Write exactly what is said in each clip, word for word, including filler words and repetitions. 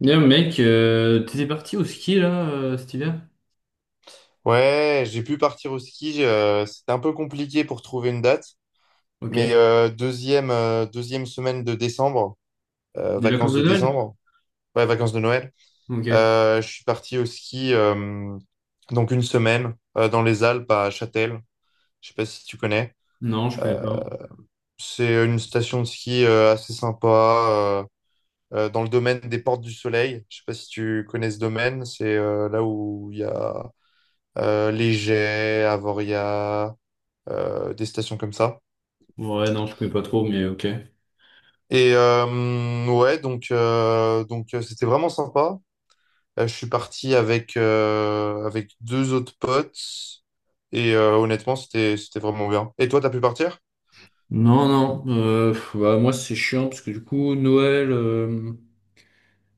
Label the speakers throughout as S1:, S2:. S1: D'ailleurs, mec, euh, t'étais parti au ski là euh, cet hiver?
S2: Ouais, j'ai pu partir au ski. euh, c'était un peu compliqué pour trouver une date, mais
S1: Ok.
S2: euh, deuxième, euh, deuxième semaine de décembre, euh,
S1: Des vacances
S2: vacances
S1: de
S2: de
S1: Noël?
S2: décembre, ouais, vacances de Noël.
S1: Ok.
S2: Euh, je suis parti au ski, euh, donc une semaine euh, dans les Alpes à Châtel. Je sais pas si tu connais.
S1: Non, je connais
S2: Euh,
S1: pas.
S2: c'est une station de ski euh, assez sympa euh, euh, dans le domaine des Portes du Soleil. Je sais pas si tu connais ce domaine. C'est euh, là où il y a euh, Les Jets, Avoria. euh, des stations comme ça.
S1: Ouais, non, je connais pas trop, mais ok.
S2: Et euh, ouais, donc euh, donc euh, c'était vraiment sympa. Euh, je suis parti avec euh, avec deux autres potes et euh, honnêtement c'était c'était vraiment bien. Et toi, t'as pu partir?
S1: Non, non. Euh, pff, bah, moi, c'est chiant parce que du coup, Noël, euh,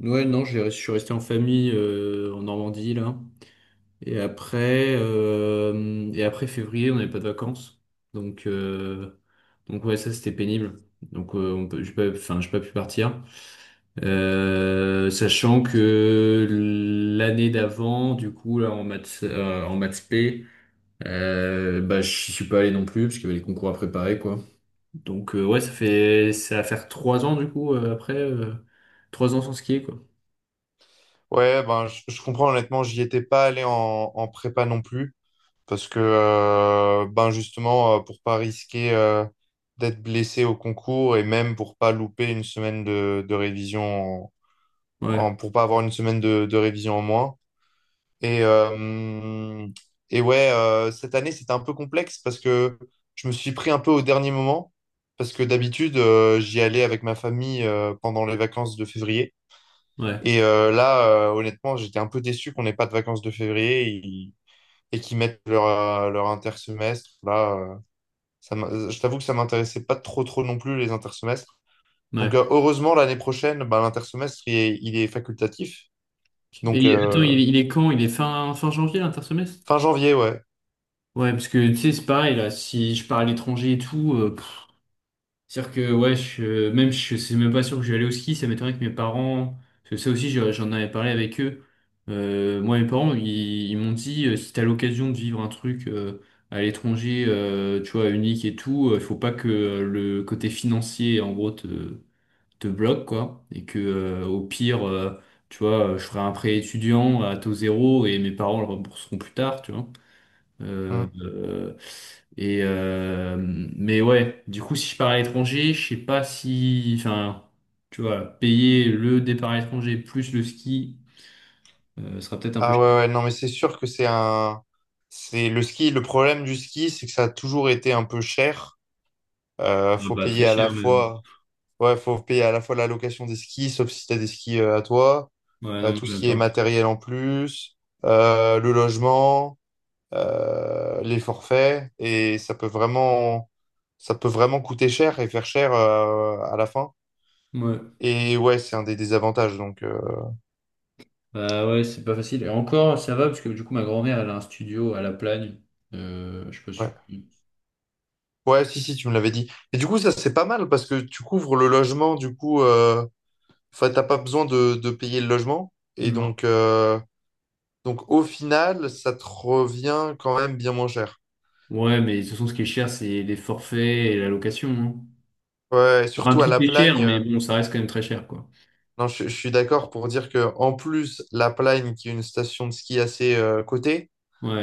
S1: Noël, non, j'ai- je suis resté en famille euh, en Normandie là. Et après, euh, et après février, on n'avait pas de vacances. Donc, euh, donc ouais, ça c'était pénible. Donc, euh, on peut, j'ai pas, enfin, j'ai pas pu partir. Euh, sachant que l'année d'avant, du coup, là, en maths, euh, en maths P, euh, bah, j'y suis pas allé non plus parce qu'il y avait les concours à préparer, quoi. Donc, euh, ouais, ça fait, ça va faire trois ans, du coup, euh, après, euh, trois ans sans skier, quoi.
S2: Ouais, ben je, je comprends honnêtement, j'y étais pas allé en en prépa non plus parce que euh, ben justement euh, pour pas risquer euh, d'être blessé au concours et même pour pas louper une semaine de, de révision en,
S1: Ouais,
S2: en- pour pas avoir une semaine de, de révision en moins. Et, euh, et ouais, euh, cette année, c'était un peu complexe parce que je me suis pris un peu au dernier moment. Parce que d'habitude, euh, j'y allais avec ma famille euh, pendant les vacances de février.
S1: ouais,
S2: Et euh, là, euh, honnêtement, j'étais un peu déçu qu'on n'ait pas de vacances de février et, et qu'ils mettent leur, euh, leur intersemestre. Là, euh, ça m'a- je t'avoue que ça m'intéressait pas trop, trop non plus, les intersemestres. Donc,
S1: ouais.
S2: euh, heureusement, l'année prochaine, bah, l'intersemestre, il est, il est facultatif. Donc,
S1: Et attends,
S2: euh,
S1: il est, il est quand? Il est fin, fin janvier, l'intersemestre?
S2: fin janvier, ouais.
S1: Ouais, parce que tu sais, c'est pareil, là, si je pars à l'étranger et tout, euh, pff, c'est-à-dire que, ouais, je, euh, même, je c'est même pas sûr que je vais aller au ski, ça m'étonnerait que mes parents, parce que ça aussi, je- j'en avais parlé avec eux. Euh, moi, mes parents, ils, ils m'ont dit, euh, si t'as l'occasion de vivre un truc euh, à l'étranger, euh, tu vois, unique et tout, il faut pas que euh, le côté financier, en gros, te, te bloque, quoi. Et que euh, au pire, euh, tu vois, euh, je ferai un prêt étudiant à taux zéro et mes parents le rembourseront plus tard, tu vois. Euh,
S2: Mm.
S1: euh, et euh, mais ouais, du coup, si je pars à l'étranger, je sais pas si, enfin, tu vois, payer le départ à l'étranger plus le ski, euh, sera peut-être un peu
S2: Ah ouais,
S1: cher.
S2: ouais, non, mais c'est sûr que c'est un. C'est le ski. Le problème du ski, c'est que ça a toujours été un peu cher. Euh,
S1: Ah
S2: faut
S1: bah, très
S2: payer à
S1: cher,
S2: la
S1: mais bon.
S2: fois. Ouais, faut payer à la fois la location des skis, sauf si t'as des skis euh, à toi,
S1: Ouais, non,
S2: euh,
S1: moi,
S2: tout ce
S1: j'aime
S2: qui est
S1: pas.
S2: matériel en plus, euh, le logement, euh, les forfaits. Et ça peut vraiment. Ça peut vraiment coûter cher et faire cher euh, à la fin.
S1: Ouais.
S2: Et ouais, c'est un des désavantages. Donc, euh,
S1: Bah ouais, c'est pas facile. Et encore, ça va, parce que du coup, ma grand-mère, elle a un studio à La Plagne. Euh, je sais pas si tu
S2: ouais.
S1: connais.
S2: Ouais, si, si, tu me l'avais dit. Et du coup, ça, c'est pas mal parce que tu couvres le logement, du coup, euh, enfin, t'as pas besoin de, de payer le logement. Et
S1: Non.
S2: donc, euh, donc, au final, ça te revient quand même bien moins cher.
S1: Ouais, mais de toute façon, ce qui est cher, c'est les forfaits et la location. hein.
S2: Ouais,
S1: Enfin,
S2: surtout à
S1: tout
S2: La
S1: est cher,
S2: Plagne. euh,
S1: mais bon, ça reste quand même très cher, quoi.
S2: non, je, je suis d'accord pour dire que en plus, La Plagne, qui est une station de ski assez euh, cotée,
S1: Ouais, ouais,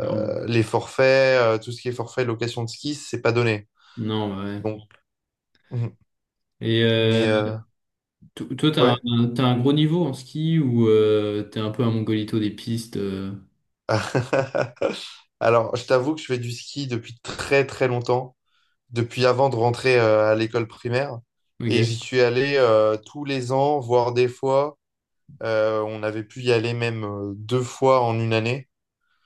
S1: clairement.
S2: les forfaits, euh, tout ce qui est forfait location de ski, c'est pas donné.
S1: Non, bah ouais.
S2: Donc, mm,
S1: Et euh,
S2: mais euh,
S1: to- Toi, t'as
S2: ouais.
S1: un, t'as un gros niveau en ski ou euh, t'es un peu un mongolito des pistes euh,
S2: Alors, je t'avoue que je fais du ski depuis très très longtemps, depuis avant de rentrer euh, à l'école primaire. Et j'y
S1: Ok.
S2: suis allé euh, tous les ans, voire des fois. euh, on avait pu y aller même euh, deux fois en une année.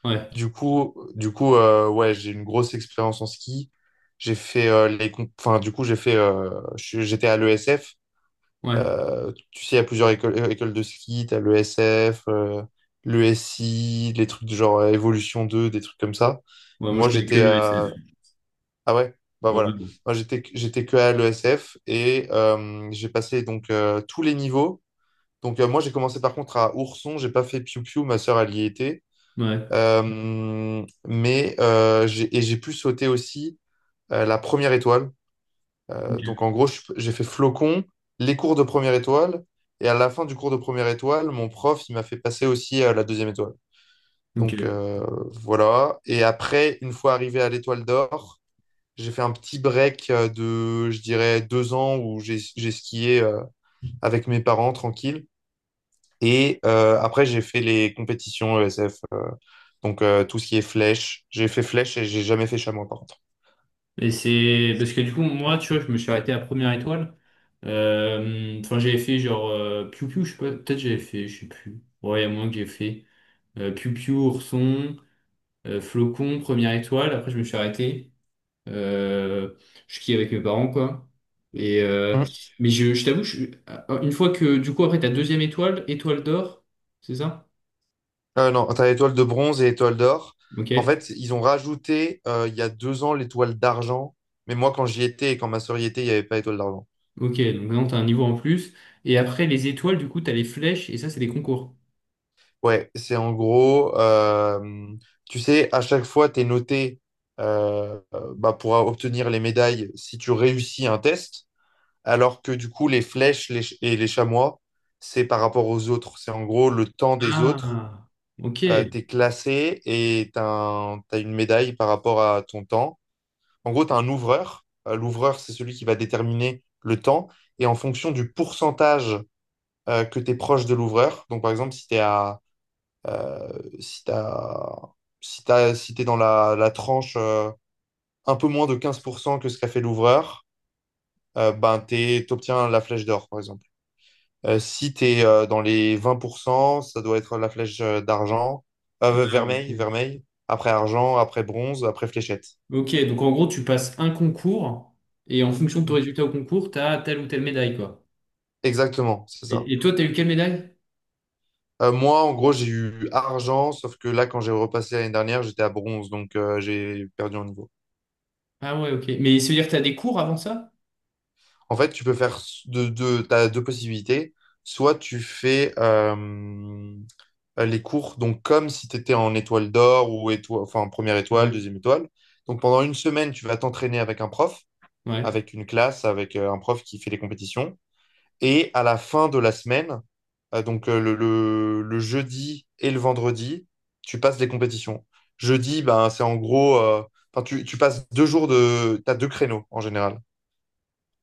S1: Ouais,
S2: Du coup, du coup euh, ouais, j'ai une grosse expérience en ski. J'ai fait euh, les... comp- enfin, du coup, j'ai fait euh, je- suis- j'étais à l'E S F.
S1: ouais.
S2: Euh, tu sais, il y a plusieurs écoles, euh, écoles de ski. T'as l'E S F, euh, l'E S I, les trucs du genre euh, Évolution deux, des trucs comme ça.
S1: Ouais, moi, je
S2: Moi,
S1: connais que
S2: j'étais.
S1: le S F.
S2: Ah ouais, bah
S1: Ouais,
S2: voilà.
S1: ouais.
S2: Moi j'étais j'étais que à l'E S F et euh, j'ai passé donc euh, tous les niveaux. Donc euh, moi j'ai commencé par contre à Ourson, j'ai pas fait Piu Piu, ma sœur elle y était.
S1: Bon. Ouais.
S2: Euh, mais euh, j'ai et j'ai pu sauter aussi euh, la première étoile. Euh, donc
S1: Ok.
S2: en gros je suis- j'ai fait Flocon, les cours de première étoile, et à la fin du cours de première étoile, mon prof il m'a fait passer aussi euh, la deuxième étoile. Donc
S1: Ok.
S2: euh, voilà. Et après une fois arrivé à l'étoile d'or. J'ai fait un petit break euh, de, je dirais, deux ans où j'ai j'ai skié euh, avec mes parents tranquille. Et euh, après, j'ai fait les compétitions E S F. euh, donc, euh, tout ce qui est flèche. J'ai fait flèche et j'ai jamais fait chamois, par contre.
S1: Et c'est... Parce que du coup, moi, tu vois, je me suis arrêté à première étoile. Euh, Enfin, j'avais fait genre... Euh, Piu Piu, je sais pas. Peut-être j'avais fait, je sais plus. Ouais, il y a moins que j'ai fait. Euh, Piu Piu, Ourson, euh, Flocon, première étoile. Après, je me suis arrêté. Euh, je skie avec mes parents, quoi. Et, euh,
S2: Hmm.
S1: mais je, je t'avoue, je- ah, une fois que, du coup, après, ta deuxième étoile, étoile d'or, c'est ça?
S2: Euh, non, t'as l'étoile de bronze et l'étoile d'or. En
S1: Ok.
S2: fait, ils ont rajouté euh, il y a deux ans l'étoile d'argent. Mais moi, quand j'y étais et quand ma sœur y était, il n'y avait pas l'étoile d'argent.
S1: Ok, donc maintenant, t'as un niveau en plus. Et après, les étoiles, du coup, t'as les flèches, et ça, c'est des concours.
S2: Ouais, c'est en gros, euh, tu sais, à chaque fois, tu es noté euh, euh, bah, pour obtenir les médailles si tu réussis un test, alors que du coup, les flèches les ch- et les chamois, c'est par rapport aux autres. C'est en gros le temps des autres.
S1: Ah, ok.
S2: Tu es classé et tu as une médaille par rapport à ton temps. En gros, tu as un ouvreur. Euh, L'ouvreur, c'est celui qui va déterminer le temps. Et en fonction du pourcentage euh, que tu es proche de l'ouvreur, donc par exemple, si tu es à, si t'as- si t'as- si t'es dans la, la tranche euh, un peu moins de quinze pour cent que ce qu'a fait l'ouvreur, euh, ben, t'es- t'obtiens la flèche d'or, par exemple. Euh, si tu es dans les vingt pour cent, ça doit être la flèche euh, d'argent, euh,
S1: Ah,
S2: vermeil,
S1: ok.
S2: vermeil, après argent, après bronze, après fléchette.
S1: Ok, donc en gros, tu passes un concours, et en fonction de ton
S2: Mm.
S1: résultat au concours, t'as telle ou telle médaille, quoi.
S2: Exactement, c'est ça.
S1: Et, et toi, t'as eu quelle médaille?
S2: Euh, moi, en gros, j'ai eu argent, sauf que là, quand j'ai repassé l'année dernière, j'étais à bronze, donc euh, j'ai perdu en niveau.
S1: Ah ouais, ok. Mais ça veut dire que t'as des cours avant ça?
S2: En fait, tu peux faire s- deux, deux, t'as deux possibilités. Soit tu fais euh, les cours, donc comme si tu étais en étoile d'or ou étoile, enfin première étoile,
S1: Ouais.
S2: deuxième étoile. Donc pendant une semaine, tu vas t'entraîner avec un prof,
S1: Ouais,
S2: avec une classe, avec euh, un prof qui fait les compétitions. Et à la fin de la semaine, euh, donc euh, le, le- le jeudi et le vendredi, tu passes des compétitions. Jeudi, ben, c'est en gros, euh, enfin, tu, tu passes deux jours de, t'as deux créneaux en général.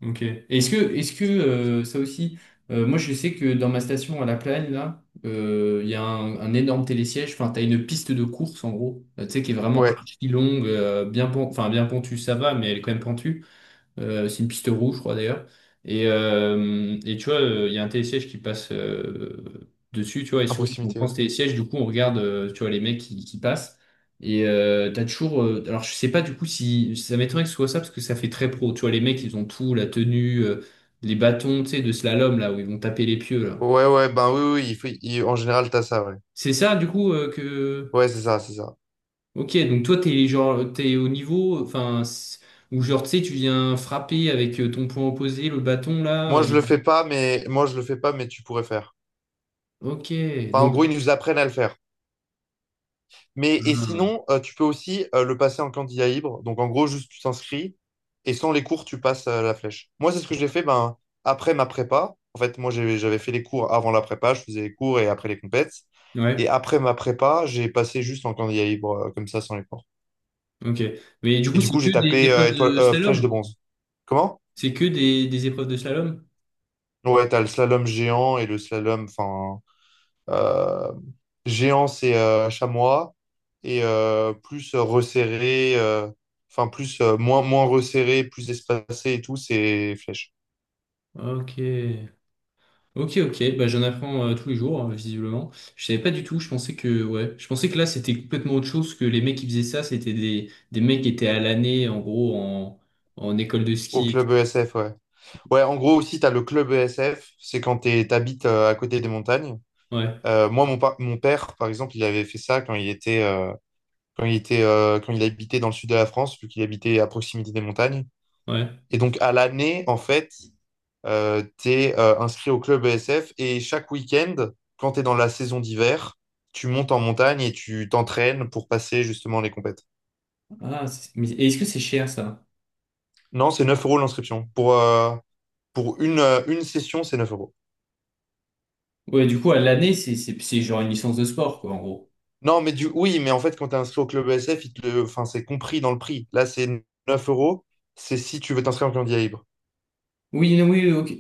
S1: ok. Et Est-ce que, est-ce que euh, ça aussi, euh, moi je sais que dans ma station à La Plagne, là, euh, il y a un, un énorme télésiège, enfin t'as une piste de course en gros, euh, tu sais, qui est Ouais. vraiment
S2: Ouais,
S1: archi longue, euh, bien, pen- enfin, bien pentue, ça va, mais elle est quand même pentue. Euh, c'est une piste rouge, je crois d'ailleurs. Et, euh, et tu vois, euh, il y a un télésiège qui passe euh, dessus, tu vois. Et
S2: à
S1: souvent, quand on
S2: proximité.
S1: prend ce télésiège, du coup, on regarde, euh, tu vois, les mecs qui, qui passent. Et euh, t'as toujours. Euh, alors, je sais pas du coup si. Ça m'étonnerait que ce soit ça, parce que ça fait très pro. Tu vois, les mecs, ils ont tout, la tenue, euh, les bâtons, tu sais, de slalom, là, où ils vont taper les pieux, là.
S2: Ouais, ouais, ouais, ben oui, oui, il faut- il- en général, t'as ça, ouais.
S1: C'est ça, du coup, euh, que.
S2: Ouais, c'est ça, c'est ça.
S1: Ok, donc toi, t'es genre, t'es au niveau, enfin, c- ou genre, tu sais, tu viens frapper avec euh, ton poing opposé, le bâton, là.
S2: Moi,
S1: euh,
S2: je le fais pas, mais moi, je le fais pas, mais tu pourrais faire.
S1: Ok,
S2: Enfin, en
S1: donc,
S2: gros, ils nous apprennent à le faire. Mais et
S1: ah,
S2: sinon, euh, tu peux aussi euh, le passer en candidat libre. Donc en gros, juste tu t'inscris et sans les cours, tu passes euh, la flèche. Moi, c'est ce que j'ai fait ben, après ma prépa. En fait, moi, j'ai- j'avais fait les cours avant la prépa, je faisais les cours et après les compètes. Et
S1: ouais,
S2: après ma prépa, j'ai passé juste en candidat libre, euh, comme ça, sans les cours.
S1: ok. Mais du
S2: Et
S1: coup,
S2: du
S1: c'est
S2: coup,
S1: que
S2: j'ai
S1: des
S2: tapé euh,
S1: épreuves
S2: étoile,
S1: de
S2: euh, flèche de
S1: slalom?
S2: bronze. Comment?
S1: C'est que des, des épreuves de slalom?
S2: Ouais, t'as le slalom géant et le slalom, enfin. euh, géants, c'est euh, chamois et euh, plus euh, resserré, euh, enfin plus euh, moins moins resserré, plus espacé et tout, c'est flèche.
S1: Ok, ok, ok. Bah, j'en apprends euh, tous les jours, euh, visiblement. Je savais pas du tout. Je pensais que, ouais, je pensais que là, c'était complètement autre chose que les mecs qui faisaient ça. C'était des, des mecs qui étaient à l'année, en gros, en, en école de
S2: Au
S1: ski. et
S2: club
S1: tout.
S2: E S F, ouais. Ouais, en gros aussi, tu as le club E S F, c'est quand tu t'habites euh, à côté des montagnes.
S1: Ouais,
S2: Euh, moi, mon, pa- mon père, par exemple, il avait fait ça quand il était, euh, quand il était, euh, quand il habitait dans le sud de la France, vu qu'il habitait à proximité des montagnes.
S1: ouais.
S2: Et donc, à l'année, en fait, euh, tu es inscrit au club E S F et chaque week-end, quand tu es dans la saison d'hiver, tu montes en montagne et tu t'entraînes pour passer justement les compètes.
S1: Ah, c'est- mais est-ce que c'est cher ça?
S2: Non, c'est neuf euros l'inscription. Pour, euh, pour une, euh, une session, c'est neuf euros.
S1: Ouais, du coup, à l'année, c'est c'est- c'est genre une licence de sport, quoi, en gros.
S2: Non, mais du... oui, mais en fait, quand tu es inscrit au club E S F, il te le... enfin, c'est compris dans le prix. Là, c'est neuf euros. C'est si tu veux t'inscrire en candidat libre.
S1: Oui, non, oui, ok.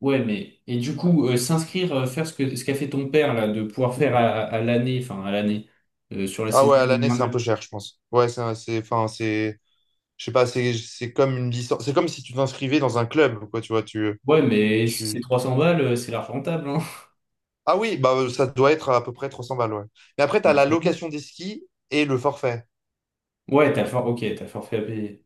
S1: Ouais, mais et du coup, euh, s'inscrire, euh, faire ce que ce qu'a fait ton père là, de pouvoir faire à, à l'année, enfin à l'année, euh, sur la
S2: Ah
S1: saison
S2: ouais, à l'année, c'est un peu
S1: hivernale.
S2: cher, je pense. Ouais, c'est, un- c'est, enfin, c'est, je sais pas, c'est, c'est comme une licence. C'est comme si tu t'inscrivais dans un club, quoi, tu vois. Tu,
S1: Ouais, mais si c'est
S2: tu,
S1: 300 balles, euh, c'est large rentable, hein.
S2: Ah oui, bah, euh, ça doit être à peu près trois cents balles, ouais. Mais après, tu as
S1: Bah,
S2: la
S1: ça va.
S2: location des skis et le forfait.
S1: Ouais, t'as le for... ok, t'as le forfait à payer.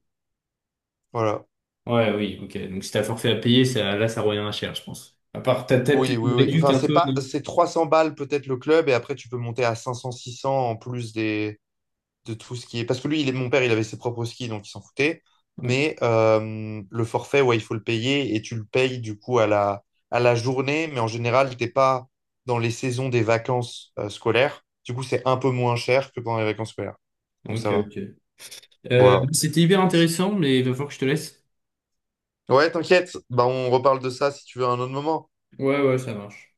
S2: Voilà.
S1: Ouais, oui, ok. Donc si t'as le forfait à payer, ça, là, ça revient à cher, je pense. À part, t'as t'as peut-être
S2: Oui, oui,
S1: une
S2: oui.
S1: réduc
S2: Enfin,
S1: un
S2: c'est
S1: peu,
S2: pas,
S1: non?
S2: c'est trois cents balles peut-être le club et après, tu peux monter à cinq cents, six cents en plus des, de tout ce qui est. Parce que lui, il est, mon père, il avait ses propres skis, donc il s'en foutait.
S1: Ouais.
S2: Mais euh, le forfait, ouais, il faut le payer et tu le payes du coup à la, à la journée. Mais en général, t'es pas dans les saisons des vacances euh, scolaires. Du coup, c'est un peu moins cher que pendant les vacances scolaires. Donc,
S1: Ok,
S2: ça va.
S1: ok. Euh,
S2: Voilà.
S1: c'était hyper intéressant, mais il va falloir que je te laisse.
S2: Ouais, t'inquiète. Bah, on reparle de ça si tu veux à un autre moment.
S1: Ouais, ouais, ça marche.